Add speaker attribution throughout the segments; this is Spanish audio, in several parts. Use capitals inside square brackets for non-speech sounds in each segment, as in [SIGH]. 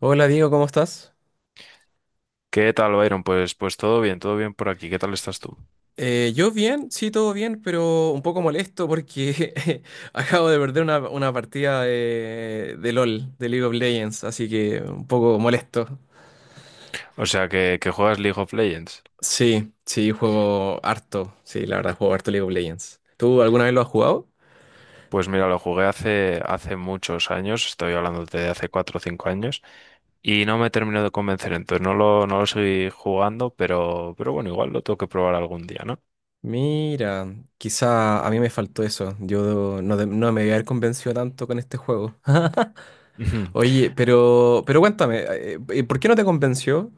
Speaker 1: Hola Diego, ¿cómo estás?
Speaker 2: ¿Qué tal, Byron? Pues todo bien por aquí. ¿Qué tal estás tú?
Speaker 1: Yo bien, sí, todo bien, pero un poco molesto porque [LAUGHS] acabo de perder una partida de LOL, de League of Legends, así que un poco molesto.
Speaker 2: O sea, que juegas League of Legends.
Speaker 1: Sí, sí, juego harto, sí, la verdad, juego harto League of Legends. ¿Tú alguna vez lo has jugado?
Speaker 2: Pues mira, lo jugué hace muchos años, estoy hablando de hace 4 o 5 años, y no me terminó de convencer, entonces no lo seguí jugando, pero bueno, igual lo tengo que probar algún día, ¿no?
Speaker 1: Mira, quizá a mí me faltó eso, yo no, no me voy a haber convencido tanto con este juego. [LAUGHS]
Speaker 2: [LAUGHS]
Speaker 1: Oye, pero cuéntame, ¿por qué no te convenció?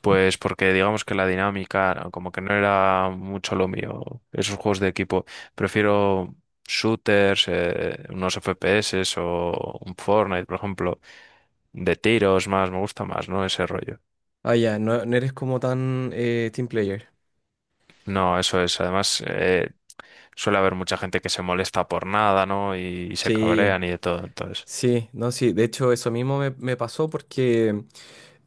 Speaker 2: Pues porque digamos que la dinámica, ¿no?, como que no era mucho lo mío, esos juegos de equipo. Prefiero shooters, unos FPS o un Fortnite, por ejemplo, de tiros más, me gusta más, ¿no? Ese rollo.
Speaker 1: Ah, ya, no, no eres como tan team player.
Speaker 2: No, eso es. Además, suele haber mucha gente que se molesta por nada, ¿no? Y se
Speaker 1: Sí,
Speaker 2: cabrean y de todo, entonces.
Speaker 1: sí, no, sí. De hecho, eso mismo me pasó porque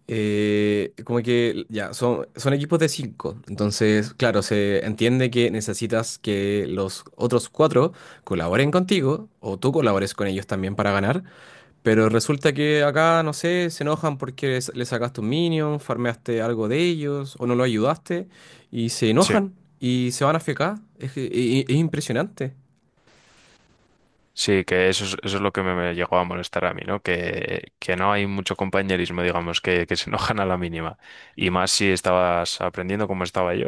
Speaker 1: como que ya, son equipos de cinco. Entonces, claro, se entiende que necesitas que los otros cuatro colaboren contigo o tú colabores con ellos también para ganar. Pero resulta que acá, no sé, se enojan porque le sacaste un minion, farmeaste algo de ellos o no lo ayudaste y se
Speaker 2: Sí.
Speaker 1: enojan y se van a FK. Es, que- e- e- es impresionante.
Speaker 2: Sí, que eso es lo que me llegó a molestar a mí, ¿no? Que no hay mucho compañerismo, digamos, que se enojan a la mínima. Y más si estabas aprendiendo como estaba yo,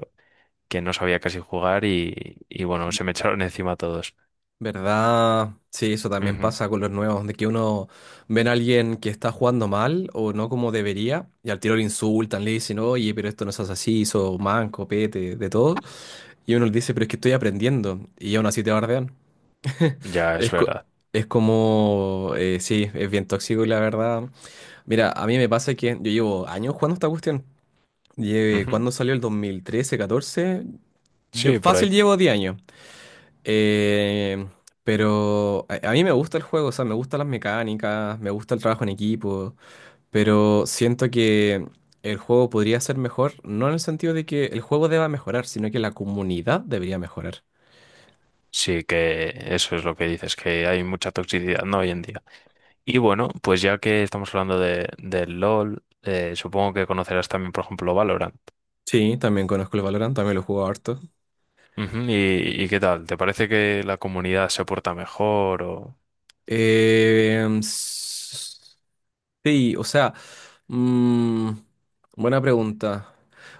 Speaker 2: que no sabía casi jugar y bueno, se me echaron [LAUGHS] encima todos.
Speaker 1: ¿Verdad? Sí, eso también
Speaker 2: Ujú.
Speaker 1: pasa con los nuevos, de que uno ven a alguien que está jugando mal o no como debería, y al tiro le insultan, le dicen, oye, pero esto no es así, hizo manco, pete, de todo. Y uno le dice, pero es que estoy aprendiendo, y aún así te bardean.
Speaker 2: Ya es
Speaker 1: Es, co-
Speaker 2: verdad.
Speaker 1: es como, sí, es bien tóxico y la verdad. Mira, a mí me pasa que yo llevo años jugando esta cuestión.
Speaker 2: Ujú.
Speaker 1: ¿Cuándo salió el 2013 catorce? Yo
Speaker 2: Sí, por
Speaker 1: fácil
Speaker 2: ahí.
Speaker 1: llevo 10 años. Eh, pero a mí me gusta el juego, o sea, me gustan las mecánicas, me gusta el trabajo en equipo, pero siento que el juego podría ser mejor, no en el sentido de que el juego deba mejorar, sino que la comunidad debería mejorar.
Speaker 2: Sí, que eso es lo que dices, que hay mucha toxicidad, ¿no? Hoy en día. Y bueno, pues ya que estamos hablando del LOL, supongo que conocerás también, por ejemplo, Valorant.
Speaker 1: Sí, también conozco el Valorant, también lo juego harto.
Speaker 2: Ujú. ¿Y qué tal? ¿Te parece que la comunidad se porta mejor o...?
Speaker 1: Eh, Sí, o sea, mm, buena pregunta.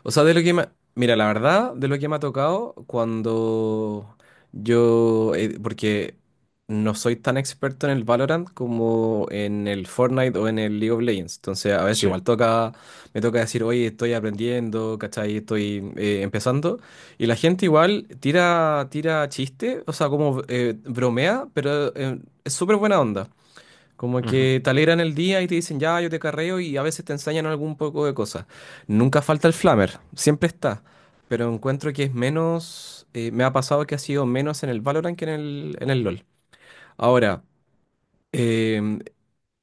Speaker 1: O sea, de lo que me... mira, la verdad, de lo que me ha tocado porque no soy tan experto en el Valorant como en el Fortnite o en el League of Legends. Entonces, a veces
Speaker 2: Sí.
Speaker 1: igual me toca decir, oye, estoy aprendiendo, ¿cachai? Estoy empezando. Y la gente igual tira chiste, o sea, como bromea, pero es súper buena onda. Como
Speaker 2: Ujú.
Speaker 1: que te alegran el día y te dicen, ya, yo te carreo y a veces te enseñan algún poco de cosas. Nunca falta el flamer, siempre está. Pero encuentro que es menos, me ha pasado que ha sido menos en el Valorant que en el LoL. Ahora, eh,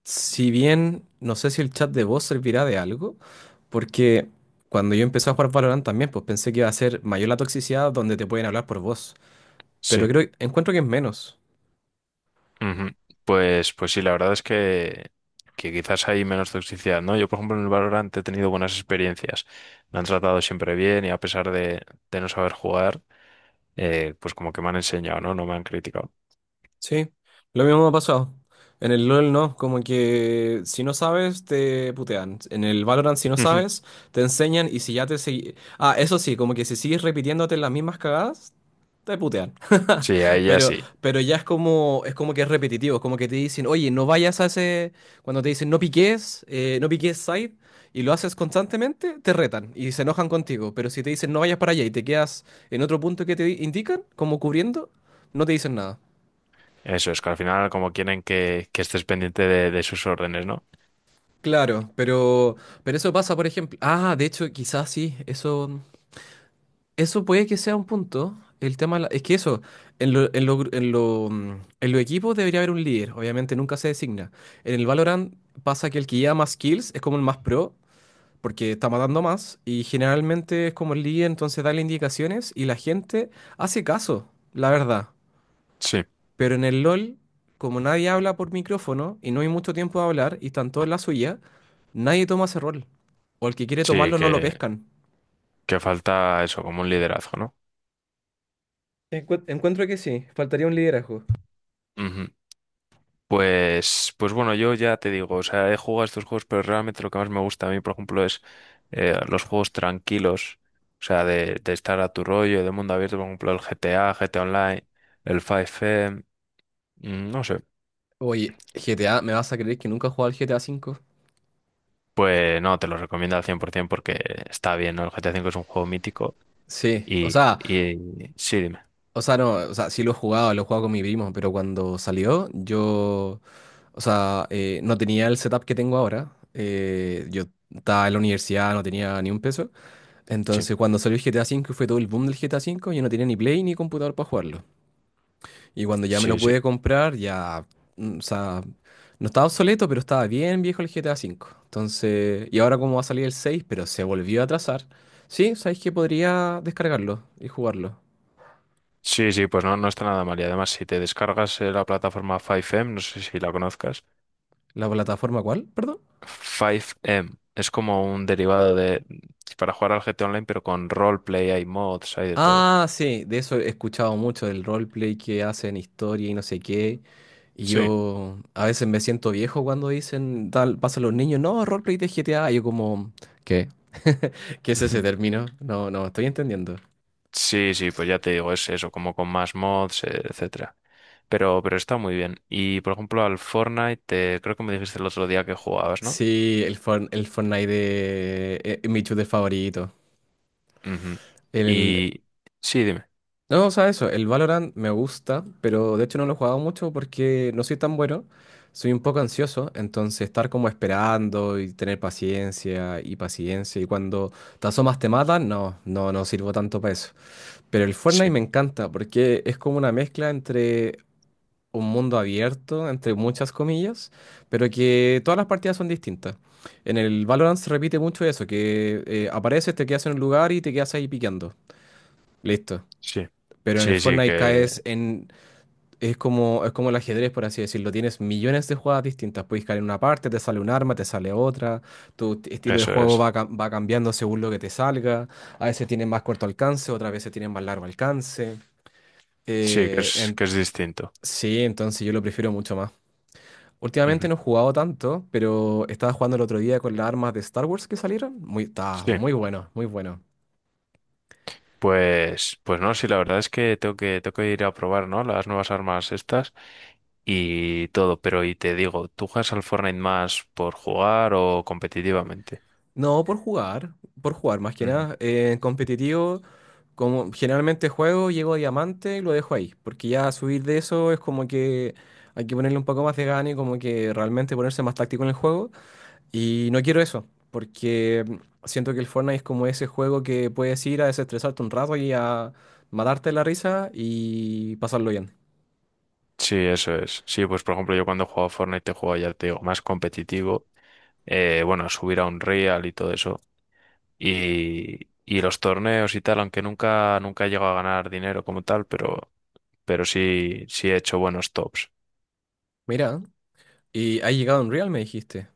Speaker 1: si bien no sé si el chat de voz servirá de algo, porque cuando yo empecé a jugar Valorant también, pues pensé que iba a ser mayor la toxicidad donde te pueden hablar por voz. Pero
Speaker 2: Sí.
Speaker 1: encuentro que es menos.
Speaker 2: Ujú. Pues sí, la verdad es que quizás hay menos toxicidad, ¿no? Yo, por ejemplo, en el Valorant he tenido buenas experiencias. Me han tratado siempre bien y a pesar de no saber jugar, pues como que me han enseñado, ¿no? No me han criticado.
Speaker 1: Sí, lo mismo me ha pasado. En el LOL no, como que si no sabes te putean. En el Valorant si no
Speaker 2: Ujú.
Speaker 1: sabes te enseñan y si ya te seguí... Ah, eso sí, como que si sigues repitiéndote las mismas cagadas te putean.
Speaker 2: Sí, a
Speaker 1: [LAUGHS]
Speaker 2: ella
Speaker 1: Pero
Speaker 2: sí.
Speaker 1: pero ya es como que es repetitivo, es como que te dicen, "Oye, no vayas a ese cuando te dicen no piques, no piques side y lo haces constantemente, te retan y se enojan contigo, pero si te dicen no vayas para allá y te quedas en otro punto que te indican, como cubriendo, no te dicen nada.
Speaker 2: Eso es, que al final como quieren que estés pendiente de sus órdenes, ¿no?
Speaker 1: Claro, pero eso pasa, por ejemplo. Ah, de hecho, quizás sí, eso puede que sea un punto. El tema de es que eso, en lo gru- en lo, en los equipos debería haber un líder, obviamente nunca se designa. En el Valorant pasa que el que lleva más kills es como el más pro, porque está matando más, y generalmente es como el líder, entonces da las indicaciones y la gente hace caso, la verdad.
Speaker 2: Sí.
Speaker 1: Pero en el LOL, como nadie habla por micrófono y no hay mucho tiempo de hablar y están todos en la suya, nadie toma ese rol. O el que quiere
Speaker 2: Sí,
Speaker 1: tomarlo no lo
Speaker 2: que,
Speaker 1: pescan.
Speaker 2: que falta eso, como un liderazgo, ¿no?
Speaker 1: Encuentro que sí, faltaría un liderazgo.
Speaker 2: Ujú. Pues bueno, yo ya te digo, o sea, he jugado a estos juegos, pero realmente lo que más me gusta a mí, por ejemplo, es los juegos tranquilos, o sea, de estar a tu rollo, de mundo abierto, por ejemplo, el GTA, GTA Online, el 5M, no sé.
Speaker 1: Oye, GTA, ¿me vas a creer que nunca he jugado al GTA 5?
Speaker 2: Pues no, te lo recomiendo al 100% porque está bien, ¿no? El GTA V es un juego mítico
Speaker 1: Sí, o
Speaker 2: y,
Speaker 1: sea,
Speaker 2: y sí, dime,
Speaker 1: o sea, no, o sea, sí lo he jugado con mi primo, pero cuando salió, yo, o sea, no tenía el setup que tengo ahora. Yo estaba en la universidad, no tenía ni un peso.
Speaker 2: sí,
Speaker 1: Entonces, cuando salió el GTA V, fue todo el boom del GTA V, yo no tenía ni Play ni computador para jugarlo. Y cuando ya me lo
Speaker 2: sí, sí.
Speaker 1: pude comprar, ya, o sea, no estaba obsoleto, pero estaba bien viejo el GTA V. Entonces, y ahora como va a salir el 6 pero se volvió a atrasar. Sí, sabéis que podría descargarlo y jugarlo.
Speaker 2: Sí, sí, pues no está nada mal. Y además, si te descargas la plataforma 5M, no sé si la conozcas.
Speaker 1: ¿La plataforma cuál? Perdón.
Speaker 2: 5M. Es como un derivado de, para jugar al GT Online, pero con roleplay, hay mods, hay de todo.
Speaker 1: Ah, sí, de eso he escuchado mucho, del roleplay que hacen, historia y no sé qué. Y
Speaker 2: Sí.
Speaker 1: yo a veces me siento viejo cuando dicen, tal, pasan los niños, no, roleplay de GTA. Y yo como, ¿qué? ¿Qué es ese
Speaker 2: Ujú. [LAUGHS]
Speaker 1: término? No, no estoy entendiendo.
Speaker 2: Sí, sí, pues ya te digo, es eso, como con más mods, etcétera. Pero está muy bien. Y por ejemplo, al Fortnite, creo que me dijiste el otro día que jugabas, ¿no?
Speaker 1: Sí, el Fortnite, es mi shooter favorito.
Speaker 2: Ujú.
Speaker 1: El,
Speaker 2: Y sí, dime.
Speaker 1: No, o sea, eso, el Valorant me gusta, pero de hecho no lo he jugado mucho porque no soy tan bueno, soy un poco ansioso, entonces estar como esperando y tener paciencia y paciencia y cuando te asomas te matan, no, no, no sirvo tanto para eso. Pero el Fortnite
Speaker 2: Sí,
Speaker 1: me encanta porque es como una mezcla entre un mundo abierto, entre muchas comillas, pero que todas las partidas son distintas. En el Valorant se repite mucho eso, que apareces, te quedas en un lugar y te quedas ahí piqueando. Listo.
Speaker 2: sí,
Speaker 1: Pero en el
Speaker 2: sí, sí,
Speaker 1: Fortnite
Speaker 2: que
Speaker 1: es como el ajedrez, por así decirlo. Tienes millones de jugadas distintas. Puedes caer en una parte, te sale un arma, te sale otra. Tu estilo de
Speaker 2: eso
Speaker 1: juego
Speaker 2: es.
Speaker 1: va cambiando según lo que te salga. A veces tienes más corto alcance, otras veces tienes más largo alcance.
Speaker 2: Sí, que
Speaker 1: Eh,
Speaker 2: es,
Speaker 1: en-
Speaker 2: que es distinto.
Speaker 1: sí, entonces yo lo prefiero mucho más. Últimamente
Speaker 2: Ujú.
Speaker 1: no he jugado tanto, pero estaba jugando el otro día con las armas de Star Wars que salieron. Está
Speaker 2: Sí.
Speaker 1: muy bueno, muy bueno.
Speaker 2: Pues no, sí, la verdad es que tengo que ir a probar, ¿no? Las nuevas armas estas y todo, pero y te digo, ¿tú juegas al Fortnite más por jugar o competitivamente?
Speaker 1: No, por jugar, más que
Speaker 2: Ujú.
Speaker 1: nada. En competitivo, como generalmente juego, llego a diamante y lo dejo ahí, porque ya subir de eso es como que hay que ponerle un poco más de gana y como que realmente ponerse más táctico en el juego. Y no quiero eso, porque siento que el Fortnite es como ese juego que puedes ir a desestresarte un rato y a matarte la risa y pasarlo bien.
Speaker 2: Sí, eso es. Sí, pues por ejemplo, yo cuando juego a Fortnite te juego, ya te digo, más competitivo. Bueno, a subir a un real y todo eso. Y los torneos y tal, aunque nunca he llegado a ganar dinero como tal, pero sí, sí he hecho buenos tops.
Speaker 1: Mira, y ha llegado Unreal, me dijiste.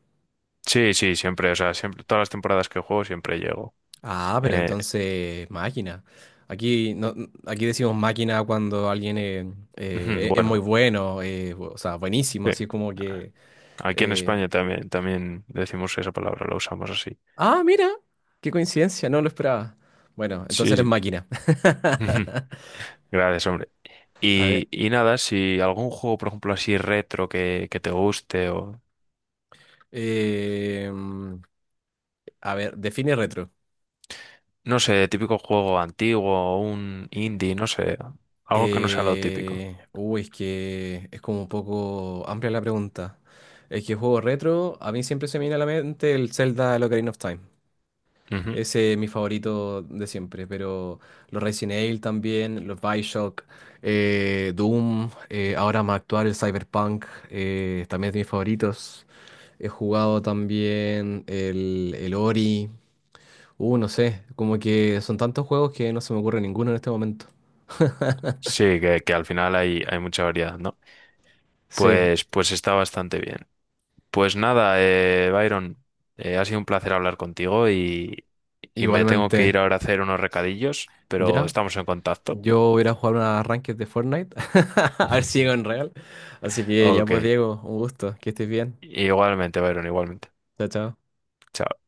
Speaker 2: Sí, sí, siempre, o sea, siempre, todas las temporadas que juego siempre llego.
Speaker 1: Ah, pero
Speaker 2: Eh,
Speaker 1: entonces, máquina. Aquí, no, aquí decimos máquina cuando alguien
Speaker 2: Ujú.
Speaker 1: es muy
Speaker 2: Bueno,
Speaker 1: bueno, o sea, buenísimo,
Speaker 2: sí.
Speaker 1: así como
Speaker 2: Ah,
Speaker 1: que.
Speaker 2: aquí en
Speaker 1: eh,
Speaker 2: España también, también decimos esa palabra, la usamos así.
Speaker 1: Ah, mira, qué coincidencia, no lo esperaba. Bueno, entonces
Speaker 2: Sí,
Speaker 1: eres
Speaker 2: sí.
Speaker 1: máquina.
Speaker 2: Ujú.
Speaker 1: [LAUGHS]
Speaker 2: Gracias, hombre.
Speaker 1: A ver,
Speaker 2: Y nada, si algún juego, por ejemplo, así retro que te guste o,
Speaker 1: eh, mm, a ver, define retro.
Speaker 2: no sé, típico juego antiguo o un indie, no sé, algo que no sea lo típico.
Speaker 1: Uy, es que es como un poco amplia la pregunta. Es que juego retro, a mí siempre se me viene a la mente el Zelda, el Ocarina of Time.
Speaker 2: Ujú.
Speaker 1: Ese es mi favorito de siempre, pero los Resident Evil también, los BioShock, Doom, ahora más actual el Cyberpunk, también es de mis favoritos. He jugado también el Ori, no sé, como que son tantos juegos que no se me ocurre ninguno en este momento.
Speaker 2: Sí, que al final hay mucha variedad, ¿no?
Speaker 1: Sí,
Speaker 2: Pues está bastante bien. Pues nada, Byron, ha sido un placer hablar contigo y me tengo que
Speaker 1: igualmente,
Speaker 2: ir ahora a hacer unos recadillos, pero
Speaker 1: ya,
Speaker 2: estamos en contacto.
Speaker 1: yo voy a ir a jugar unas ranked de Fortnite, [LAUGHS] a ver si llego en
Speaker 2: [LAUGHS]
Speaker 1: real. Así que ya
Speaker 2: Ok,
Speaker 1: pues Diego, un gusto, que estés bien,
Speaker 2: igualmente, Byron, igualmente.
Speaker 1: chao, chao.
Speaker 2: Chao.